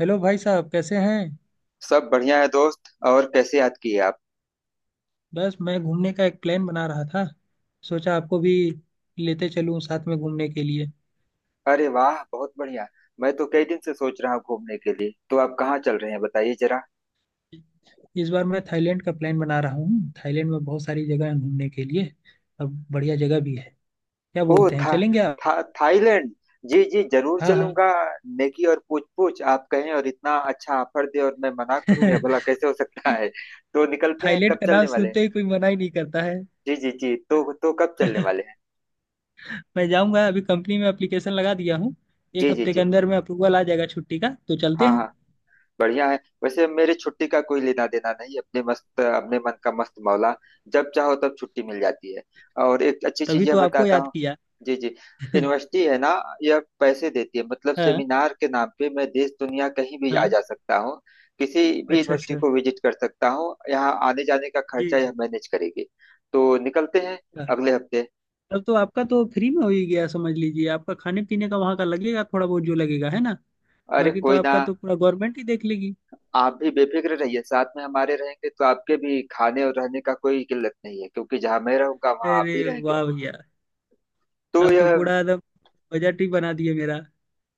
Hello भाई साहब, कैसे हैं। सब बढ़िया है दोस्त। और कैसे याद किए आप? बस मैं घूमने का एक प्लान बना रहा था। सोचा आपको भी लेते चलूं साथ में घूमने के लिए। अरे वाह बहुत बढ़िया। मैं तो कई दिन से सोच रहा हूँ घूमने के लिए। तो आप कहाँ चल रहे हैं, बताइए जरा। इस बार मैं थाईलैंड का प्लान बना रहा हूँ। थाईलैंड में बहुत सारी जगह हैं घूमने के लिए। अब बढ़िया जगह भी है। क्या ओ बोलते हैं, चलेंगे था आप? थाईलैंड। जी जी जरूर हाँ हाँ। चलूंगा। नेकी और पूछ पूछ। आप कहें और इतना अच्छा ऑफर दे और मैं मना करूं, या भला कैसे हो सकता है? तो निकलते हैं, थाईलैंड कब का चलने नाम वाले हैं? सुनते ही कोई मना ही नहीं करता है। जी जी जी तो कब चलने वाले हैं? मैं जाऊंगा। अभी कंपनी में एप्लीकेशन लगा दिया हूँ। एक जी जी हफ्ते के जी। अंदर में अप्रूवल आ जाएगा छुट्टी का, तो चलते हाँ हैं। हाँ। बढ़िया है। वैसे मेरी छुट्टी का कोई लेना देना नहीं, अपने मस्त, अपने मन का मस्त मौला। जब चाहो तब छुट्टी मिल जाती है। और एक अच्छी चीज तभी यह तो आपको बताता याद हूँ। किया। जी जी। यूनिवर्सिटी है ना, यह पैसे देती है, मतलब हाँ सेमिनार के नाम पे मैं देश दुनिया कहीं भी हाँ। आ जा सकता हूँ। किसी भी अच्छा यूनिवर्सिटी अच्छा, को विजिट कर सकता हूँ। यहाँ आने जाने का जी। खर्चा यह मैनेज करेगी। तो निकलते हैं अगले हफ्ते। तब तो आपका तो फ्री में हो ही गया समझ लीजिए। आपका खाने पीने का वहां का लगेगा, थोड़ा बहुत जो लगेगा, है ना। अरे बाकी तो कोई ना। आपका तो पूरा गवर्नमेंट ही देख लेगी। आप भी बेफिक्र रहिए, साथ में हमारे रहेंगे तो आपके भी खाने और रहने का कोई किल्लत नहीं है, क्योंकि जहां मैं रहूंगा वहां आप अरे भी रहेंगे। वाह भैया, तो आप तो यह पूरा एकदम बजट ही बना दिए मेरा।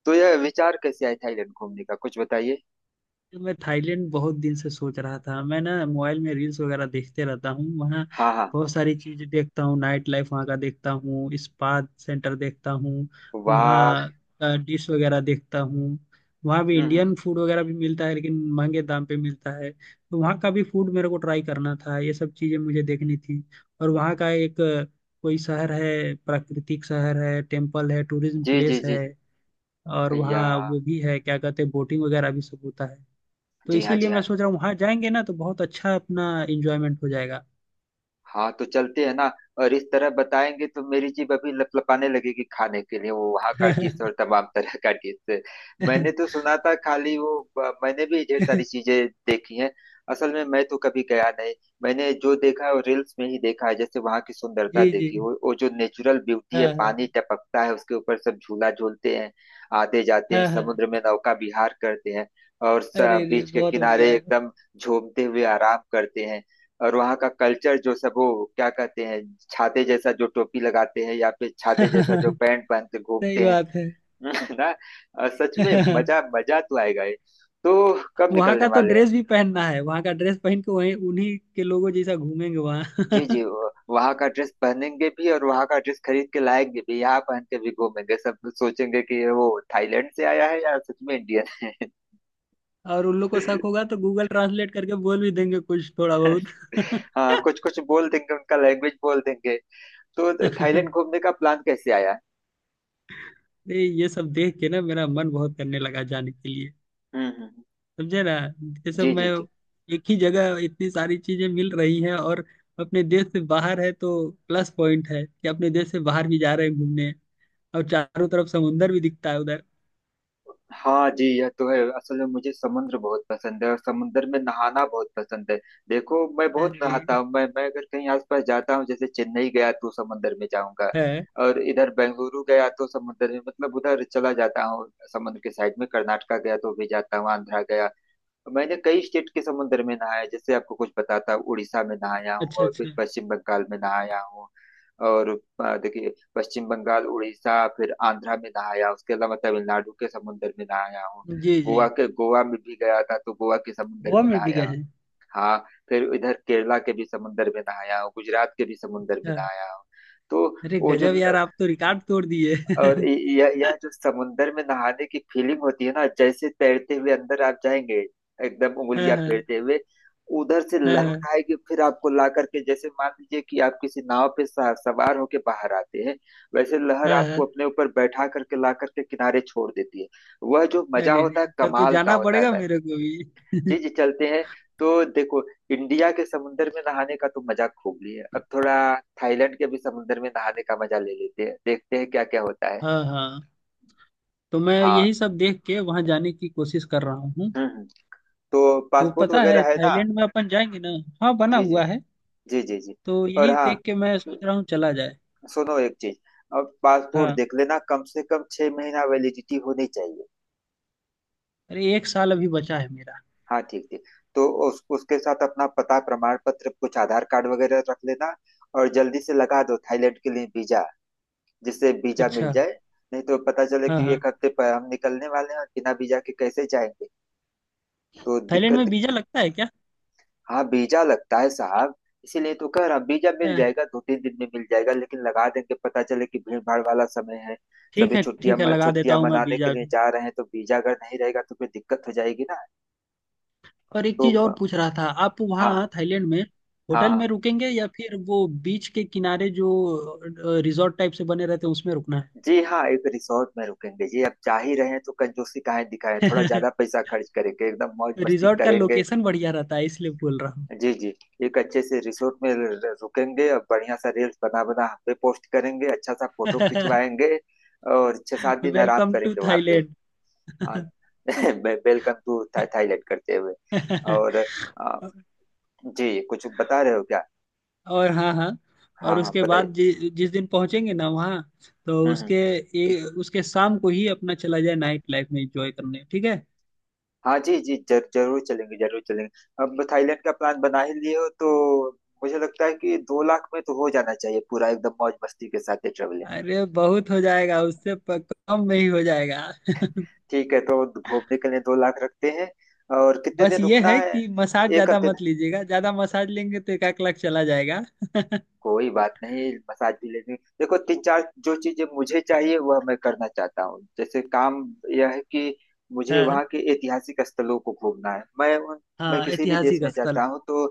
तो यह विचार कैसे आया थाईलैंड घूमने का, कुछ बताइए। मैं थाईलैंड बहुत दिन से सोच रहा था। मैं ना मोबाइल में रील्स वगैरह देखते रहता हूँ वहाँ। हाँ हाँ। बहुत सारी चीजें देखता हूँ, नाइट लाइफ वहाँ का देखता हूँ, स्पा सेंटर देखता हूँ, वाह। वहाँ डिश वगैरह देखता हूँ। वहाँ भी हम्म, हम्म। इंडियन फूड वगैरह भी मिलता है, लेकिन महंगे दाम पे मिलता है। तो वहाँ का भी फूड मेरे को ट्राई करना था, ये सब चीजें मुझे देखनी थी। और वहाँ का एक कोई शहर है, प्राकृतिक शहर है, टेम्पल है, टूरिज्म जी जी प्लेस जी है। जी, और भैया। वहाँ वो भी है, क्या कहते हैं, बोटिंग वगैरह भी सब होता है। तो जी हाँ इसीलिए जी मैं हाँ। सोच रहा हूँ, वहां जाएंगे ना तो बहुत अच्छा अपना इंजॉयमेंट हो जाएगा। हाँ तो चलते हैं ना। और इस तरह बताएंगे तो मेरी जीभ अभी लपलपाने लगेगी खाने के लिए, वो वहाँ का डिश और तमाम तरह का डिश। मैंने तो सुना था, खाली वो मैंने भी ढेर सारी चीजें देखी हैं। असल में मैं तो कभी गया नहीं। मैंने जो देखा है वो रील्स में ही देखा है। जैसे वहाँ की सुंदरता जी जी। देखी, वो जो नेचुरल ब्यूटी है, हाँ पानी हाँ। टपकता है उसके ऊपर, सब झूला झूलते हैं। आते जाते हैं, हाँ हाँ। समुद्र में नौका विहार करते हैं। और अरे रे, बीच के बहुत किनारे बढ़िया है। एकदम झूमते हुए आराम करते हैं। और वहाँ का कल्चर जो सब, वो क्या कहते हैं, छाते जैसा जो टोपी लगाते हैं, या फिर छाते जैसा जो सही पैंट पहनते घूमते हैं। बात है। ना। सच में मजा मजा तो आएगा ही। तो कब वहां निकलने का तो वाले हैं? ड्रेस भी पहनना है, वहां का ड्रेस पहन के वहीं उन्हीं के लोगों जैसा घूमेंगे वहां। जी जी वहाँ का ड्रेस पहनेंगे भी और वहाँ का ड्रेस खरीद के लाएंगे भी, यहाँ पहन के भी घूमेंगे। सब सोचेंगे कि वो थाईलैंड से आया है या सच में इंडियन है। और उन लोग को शक होगा तो गूगल ट्रांसलेट करके बोल भी देंगे कुछ थोड़ा हाँ बहुत। कुछ कुछ बोल देंगे, उनका लैंग्वेज बोल देंगे। तो थाईलैंड घूमने का प्लान कैसे आया? नहीं, ये सब देख के ना मेरा मन बहुत करने लगा जाने के। हम्म। समझे ना। ये सब जी मैं जी जी। एक ही जगह इतनी सारी चीजें मिल रही हैं। और अपने देश से बाहर है तो प्लस पॉइंट है कि अपने देश से बाहर भी जा रहे हैं घूमने। और चारों तरफ समुंदर भी दिखता है उधर। हाँ जी, यह तो है। असल में मुझे समुद्र बहुत पसंद है और समुद्र में नहाना बहुत पसंद है। देखो मैं बहुत अरे। नहाता हूँ। मैं अगर कहीं आसपास जाता हूँ, जैसे चेन्नई गया तो समुद्र में जाऊंगा। है। और इधर बेंगलुरु गया तो समुद्र में, मतलब उधर चला जाता हूँ समुद्र के साइड में। कर्नाटका गया तो भी जाता हूँ, आंध्रा गया। मैंने कई स्टेट के समुद्र में नहाया। जैसे आपको कुछ बताता हूँ, उड़ीसा में नहाया हूँ अच्छा और अच्छा। फिर पश्चिम बंगाल में नहाया हूँ। और देखिए पश्चिम बंगाल, उड़ीसा, फिर आंध्रा में नहाया। उसके अलावा तमिलनाडु के समुद्र में नहाया हूँ। जी गोवा जी। के, गोवा में भी गया था तो गोवा के समुद्र गोवा में में भी गए नहाया। हैं? हाँ। फिर इधर केरला के भी समुद्र में नहाया हूँ, गुजरात के भी समुद्र में अच्छा। नहाया हूँ। तो अरे वो जो गजब यार, आप तो रिकॉर्ड तोड़ दिए। और इ- यह जो समुंदर में नहाने की फीलिंग होती है ना, जैसे तैरते हुए अंदर आप जाएंगे एकदम हाँ उंगलियां हाँ। फेरते हुए। उधर से लहर हाँ आएगी, फिर आपको ला करके, जैसे मान लीजिए कि आप किसी नाव पे सवार होके बाहर आते हैं। वैसे लहर हाँ हाँ। आपको अपने ऊपर बैठा करके ला करके किनारे छोड़ देती है। वह जो मजा अरे होता है, रे, तब तो कमाल का जाना होता है पड़ेगा भाई। मेरे को भी। जी जी चलते हैं। तो देखो, इंडिया के समुंदर में नहाने का तो मजा खूब लिया, अब थोड़ा थाईलैंड के भी समुंदर में नहाने का मजा ले लेते हैं, देखते हैं क्या क्या होता है। हाँ हाँ। तो मैं हाँ। यही सब देख के वहां जाने की कोशिश कर रहा हूँ। हम्म हम्म, तो तो पासपोर्ट पता है वगैरह है ना। थाईलैंड में अपन जाएंगे ना। हाँ, बना जी जी हुआ है। जी जी जी। तो और यही हाँ, देख के मैं सोच रहा हूँ, चला जाए। सुनो एक चीज, अब पासपोर्ट हाँ। देख लेना, कम से कम 6 महीना वैलिडिटी होनी चाहिए। अरे 1 साल अभी बचा है मेरा। हाँ ठीक ठीक। तो उस उसके साथ अपना पता प्रमाण पत्र कुछ आधार कार्ड वगैरह रख लेना। और जल्दी से लगा दो थाईलैंड के लिए वीजा, जिससे वीजा मिल अच्छा। जाए। नहीं तो पता चले हाँ कि हाँ। 1 हफ्ते पर हम निकलने वाले हैं और बिना वीजा के कैसे जाएंगे, तो थाईलैंड में दिक्कत। वीजा लगता है क्या? हाँ वीजा लगता है साहब। इसीलिए तो कह रहा हूँ, वीजा मिल हाँ, जाएगा, 2-3 दिन में मिल जाएगा लेकिन लगा देंगे, पता चले कि भीड़ भाड़ वाला समय है। ठीक सभी है छुट्टियां ठीक है, लगा देता छुट्टियां हूँ मैं मनाने के वीजा लिए भी। जा रहे हैं तो वीजा अगर नहीं रहेगा तो फिर दिक्कत हो जाएगी ना। और एक तो चीज और पूछ रहा था, आप वहाँ हाँ थाईलैंड में हाँ होटल हाँ। में रुकेंगे या फिर वो बीच के किनारे जो रिजॉर्ट टाइप से बने रहते हैं उसमें रुकना जी हाँ एक रिसोर्ट में रुकेंगे जी, अब जा ही रहे हैं तो कंजूसी काहे दिखाएं, थोड़ा है। ज्यादा पैसा खर्च करेंगे, एकदम मौज मस्ती रिजॉर्ट का करेंगे। लोकेशन बढ़िया रहता है, इसलिए बोल रहा हूँ। जी जी। एक अच्छे से रिसोर्ट में रुकेंगे और बढ़िया सा रील्स बना बना हम पे पोस्ट करेंगे, अच्छा सा फोटो खिंचवाएंगे। और 6-7 दिन आराम वेलकम टू करेंगे वहां पे। थाईलैंड। हाँ। वेलकम टू थाईलैंड करते हुए। और जी कुछ बता रहे हो क्या? और हाँ हाँ। हाँ और हाँ उसके बाद बताइए। जिस दिन पहुंचेंगे ना वहाँ, तो हम्म हम्म। उसके ये उसके शाम को ही अपना चला जाए नाइट लाइफ में एंजॉय करने, ठीक है। हाँ जी जी जरूर चलेंगे जरूर चलेंगे। अब थाईलैंड का प्लान बना ही लिए हो तो मुझे लगता है कि 2 लाख में तो हो जाना चाहिए पूरा, एकदम मौज मस्ती के साथ ये traveling। अरे बहुत हो जाएगा उससे कम में ही हो जाएगा। ठीक है तो घूमने के लिए 2 लाख रखते हैं और कितने बस दिन ये रुकना है है। कि मसाज एक ज्यादा हफ्ते दिन। मत लीजिएगा, ज्यादा मसाज लेंगे तो एक आध लाख चला जाएगा। कोई बात नहीं मसाज भी ले लेंगे। देखो तीन चार जो चीजें मुझे चाहिए वह मैं करना चाहता हूँ, जैसे काम यह है कि मुझे हाँ वहाँ के ऐतिहासिक स्थलों को घूमना है। हाँ। मैं किसी भी देश ऐतिहासिक में स्थल। जाता हूँ तो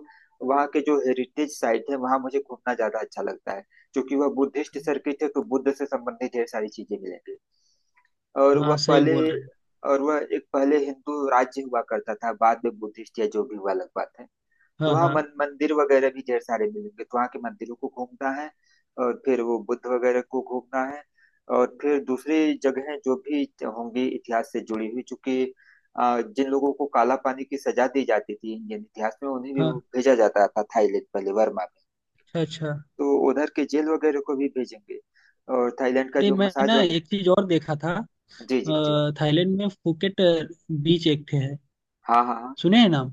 वहाँ के जो हेरिटेज साइट है वहाँ मुझे घूमना ज्यादा अच्छा लगता है। क्योंकि वह बुद्धिस्ट सर्किट है तो बुद्ध से संबंधित ढेर सारी चीजें मिलेंगी। और वह हाँ सही पहले बोल रहे हैं। और वह एक पहले हिंदू राज्य हुआ करता था, बाद में बुद्धिस्ट या जो भी हुआ अलग बात है। तो हाँ वहाँ हाँ मंदिर वगैरह भी ढेर सारे मिलेंगे तो वहाँ के मंदिरों को घूमना है। और फिर वो बुद्ध वगैरह को घूमना है। और फिर दूसरी जगह जो भी होंगी इतिहास से जुड़ी हुई, चूंकि जिन लोगों को काला पानी की सजा दी जाती थी इंडियन इतिहास में उन्हें भी हाँ। भेजा जाता था थाईलैंड, पहले वर्मा में। अच्छा अच्छा। तो उधर के जेल वगैरह को भी भेजेंगे। और थाईलैंड का अरे जो मैं मसाज ना वग... एक चीज और देखा था। जी जी जी। थाईलैंड में फुकेट बीच एक ठे है। हाँ हाँ हाँ। सुने हैं नाम?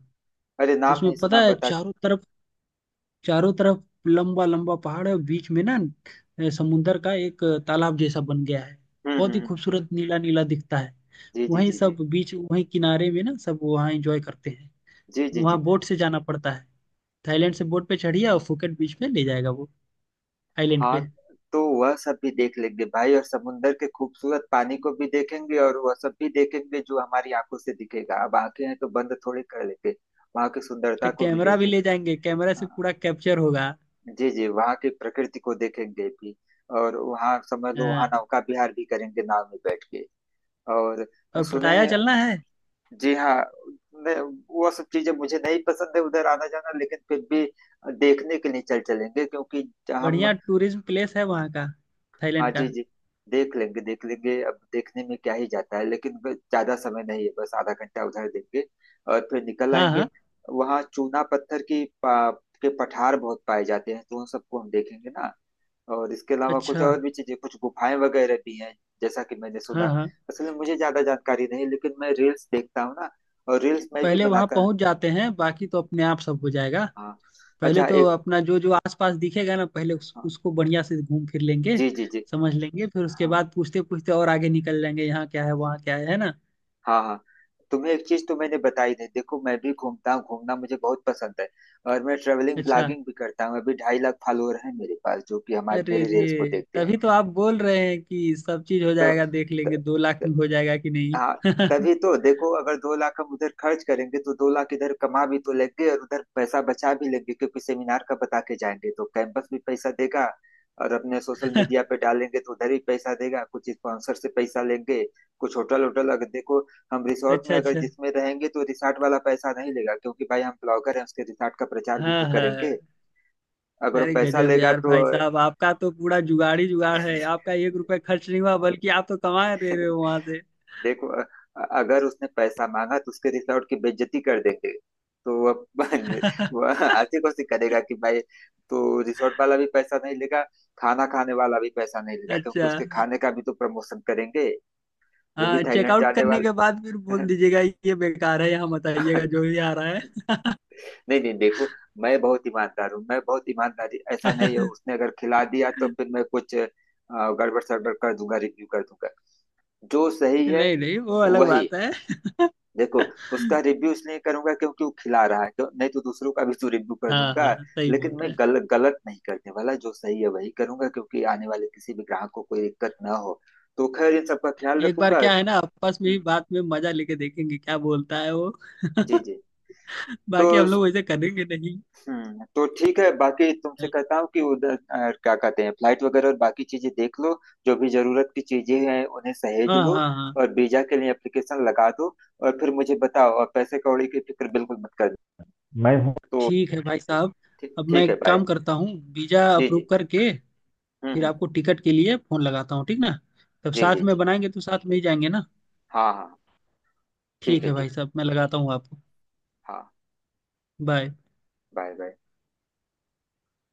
अरे नाम उसमें नहीं पता सुना, है बता दे। चारों तरफ, चारों तरफ लंबा लंबा पहाड़ है। और बीच में ना समुंदर का एक तालाब जैसा बन गया है। हम्म हम्म बहुत ही हम्म, खूबसूरत नीला नीला दिखता है। जी जी वहीं जी जी सब बीच, वहीं किनारे में ना सब वहाँ एंजॉय करते हैं। जी जी वहाँ जी। बोट से जाना पड़ता है। थाईलैंड से बोट पे चढ़िए और फुकेट बीच में ले जाएगा वो आइलैंड हाँ। पे। तो वह सब भी देख लेंगे भाई और समुंदर के खूबसूरत पानी को भी देखेंगे और वह सब भी देखेंगे जो हमारी आंखों से दिखेगा, अब आंखें हैं तो बंद थोड़ी कर लेंगे, वहां की सुंदरता तो को भी कैमरा भी ले देखेंगे। जाएंगे, कैमरा से हाँ पूरा कैप्चर होगा। जी जी। वहाँ की प्रकृति को देखेंगे भी, और वहाँ समझ लो वहाँ हाँ। नौका विहार भी करेंगे नाव में बैठ के। और और सुने पटाया हैं। चलना है। जी हाँ। मैं वो सब चीजें मुझे नहीं पसंद है उधर आना जाना, लेकिन फिर भी देखने के लिए चल चलेंगे क्योंकि हम। बढ़िया टूरिज्म प्लेस है वहाँ का, हाँ थाईलैंड जी का। जी। देख लेंगे देख लेंगे, अब देखने में क्या ही जाता है, लेकिन बस ज्यादा समय नहीं है, बस आधा घंटा उधर देंगे और फिर निकल हाँ आएंगे। हाँ। वहाँ चूना पत्थर की के पठार बहुत पाए जाते हैं तो उन सबको हम देखेंगे ना। और इसके अलावा कुछ अच्छा। और भी चीजें, कुछ गुफाएं वगैरह भी हैं जैसा कि मैंने सुना। हाँ हाँ। असल में मुझे ज्यादा जानकारी नहीं, लेकिन मैं रील्स देखता हूँ ना और रील्स मैं भी पहले वहां बनाता। पहुंच जाते हैं, बाकी तो अपने आप सब हो जाएगा। हाँ। पहले अच्छा तो एक अपना जो जो आसपास दिखेगा ना, पहले हाँ, उसको बढ़िया से घूम फिर लेंगे। जी जी जी। समझ लेंगे, फिर उसके हाँ बाद पूछते पूछते और आगे निकल जाएंगे यहाँ क्या है वहाँ क्या है ना। हाँ हाँ। तुम्हें एक चीज तो मैंने बताई नहीं। देखो मैं भी घूमता हूँ, घूमना मुझे बहुत पसंद है और मैं ट्रेवलिंग अच्छा। ब्लॉगिंग भी करता हूँ, अभी 2.5 लाख फॉलोअर हैं मेरे पास जो कि हमारे अरे मेरे रे, रील्स को देखते हैं। तभी तो आप बोल रहे हैं कि सब चीज हो तो, जाएगा। देख लेंगे 2 लाख तो, में हो जाएगा कि हाँ। नहीं। तभी तो देखो, अगर 2 लाख हम उधर खर्च करेंगे तो 2 लाख इधर कमा भी तो लेंगे और उधर पैसा बचा भी लेंगे, क्योंकि सेमिनार का बता के जाएंगे तो कैंपस भी पैसा देगा। और अपने सोशल मीडिया पे डालेंगे तो उधर भी पैसा देगा, कुछ स्पॉन्सर से पैसा लेंगे, कुछ होटल होटल अगर देखो हम रिसोर्ट अच्छा में अगर अच्छा। जिसमें रहेंगे तो रिसोर्ट वाला पैसा नहीं लेगा, क्योंकि भाई हम ब्लॉगर हैं, उसके रिसोर्ट का प्रचार भी हाँ तो हाँ करेंगे। हाँ। अगर वो अरे पैसा गजब लेगा यार तो भाई साहब, आपका तो पूरा जुगाड़ ही जुगाड़ है। आपका 1 रुपया खर्च नहीं हुआ, बल्कि आप तो कमा रहे हो वहां से। देखो अगर उसने पैसा मांगा तो उसके रिसोर्ट की बेइज्जती कर देंगे। तो वह वह ऐसी कोशिश करेगा कि भाई, तो रिसोर्ट वाला भी पैसा नहीं लेगा, खाना खाने वाला भी पैसा नहीं लेगा, क्योंकि अच्छा। उसके खाने का भी तो प्रमोशन करेंगे। जो भी हाँ, थाईलैंड चेकआउट जाने करने के वाले बाद फिर बोल हैं। दीजिएगा, ये बेकार है यहाँ मत आइएगा जो भी आ रहा है। नहीं नहीं देखो, मैं बहुत ईमानदार हूँ, मैं बहुत ईमानदारी, ऐसा नहीं है, उसने अगर खिला दिया तो फिर मैं कुछ गड़बड़ सड़बड़ कर दूंगा, रिव्यू कर दूंगा जो सही है नहीं नहीं, वो अलग वही। बात है। देखो उसका रिव्यू इसलिए करूंगा क्योंकि वो खिला रहा है क्यों, नहीं तो दूसरों का भी तो रिव्यू कर हाँ दूंगा। हाँ सही लेकिन बोल मैं रहे हैं। गलत नहीं करने वाला, जो सही है वही करूंगा, क्योंकि आने वाले किसी भी ग्राहक को कोई दिक्कत ना हो, तो खैर इन सबका ख्याल एक बार रखूंगा। क्या है ना, आपस में हम्म, ही बात में मजा लेके देखेंगे क्या बोलता है वो। जी जी। तो बाकी हम लोग वैसे करेंगे नहीं। तो ठीक है, बाकी तुमसे कहता हूँ कि उधर क्या कहते हैं, फ्लाइट वगैरह और बाकी चीजें देख लो। जो भी जरूरत की चीजें हैं उन्हें सहेज हाँ लो। हाँ हाँ। और वीजा के लिए एप्लीकेशन लगा दो। और फिर मुझे बताओ, और पैसे कौड़ी की फिक्र बिल्कुल मत करना, मैं हूँ तो। ठीक है भाई साहब। अब मैं ठीक है, एक बाय। काम करता हूँ, वीजा जी अप्रूव जी। करके फिर हम्म। आपको टिकट के लिए फोन लगाता हूँ, ठीक ना। तब जी जी साथ में जी। बनाएंगे तो साथ में ही जाएंगे ना। हाँ हाँ हाँ. ठीक ठीक है है ठीक। भाई साहब, मैं लगाता हूँ आपको। हाँ। बाय। Bye bye.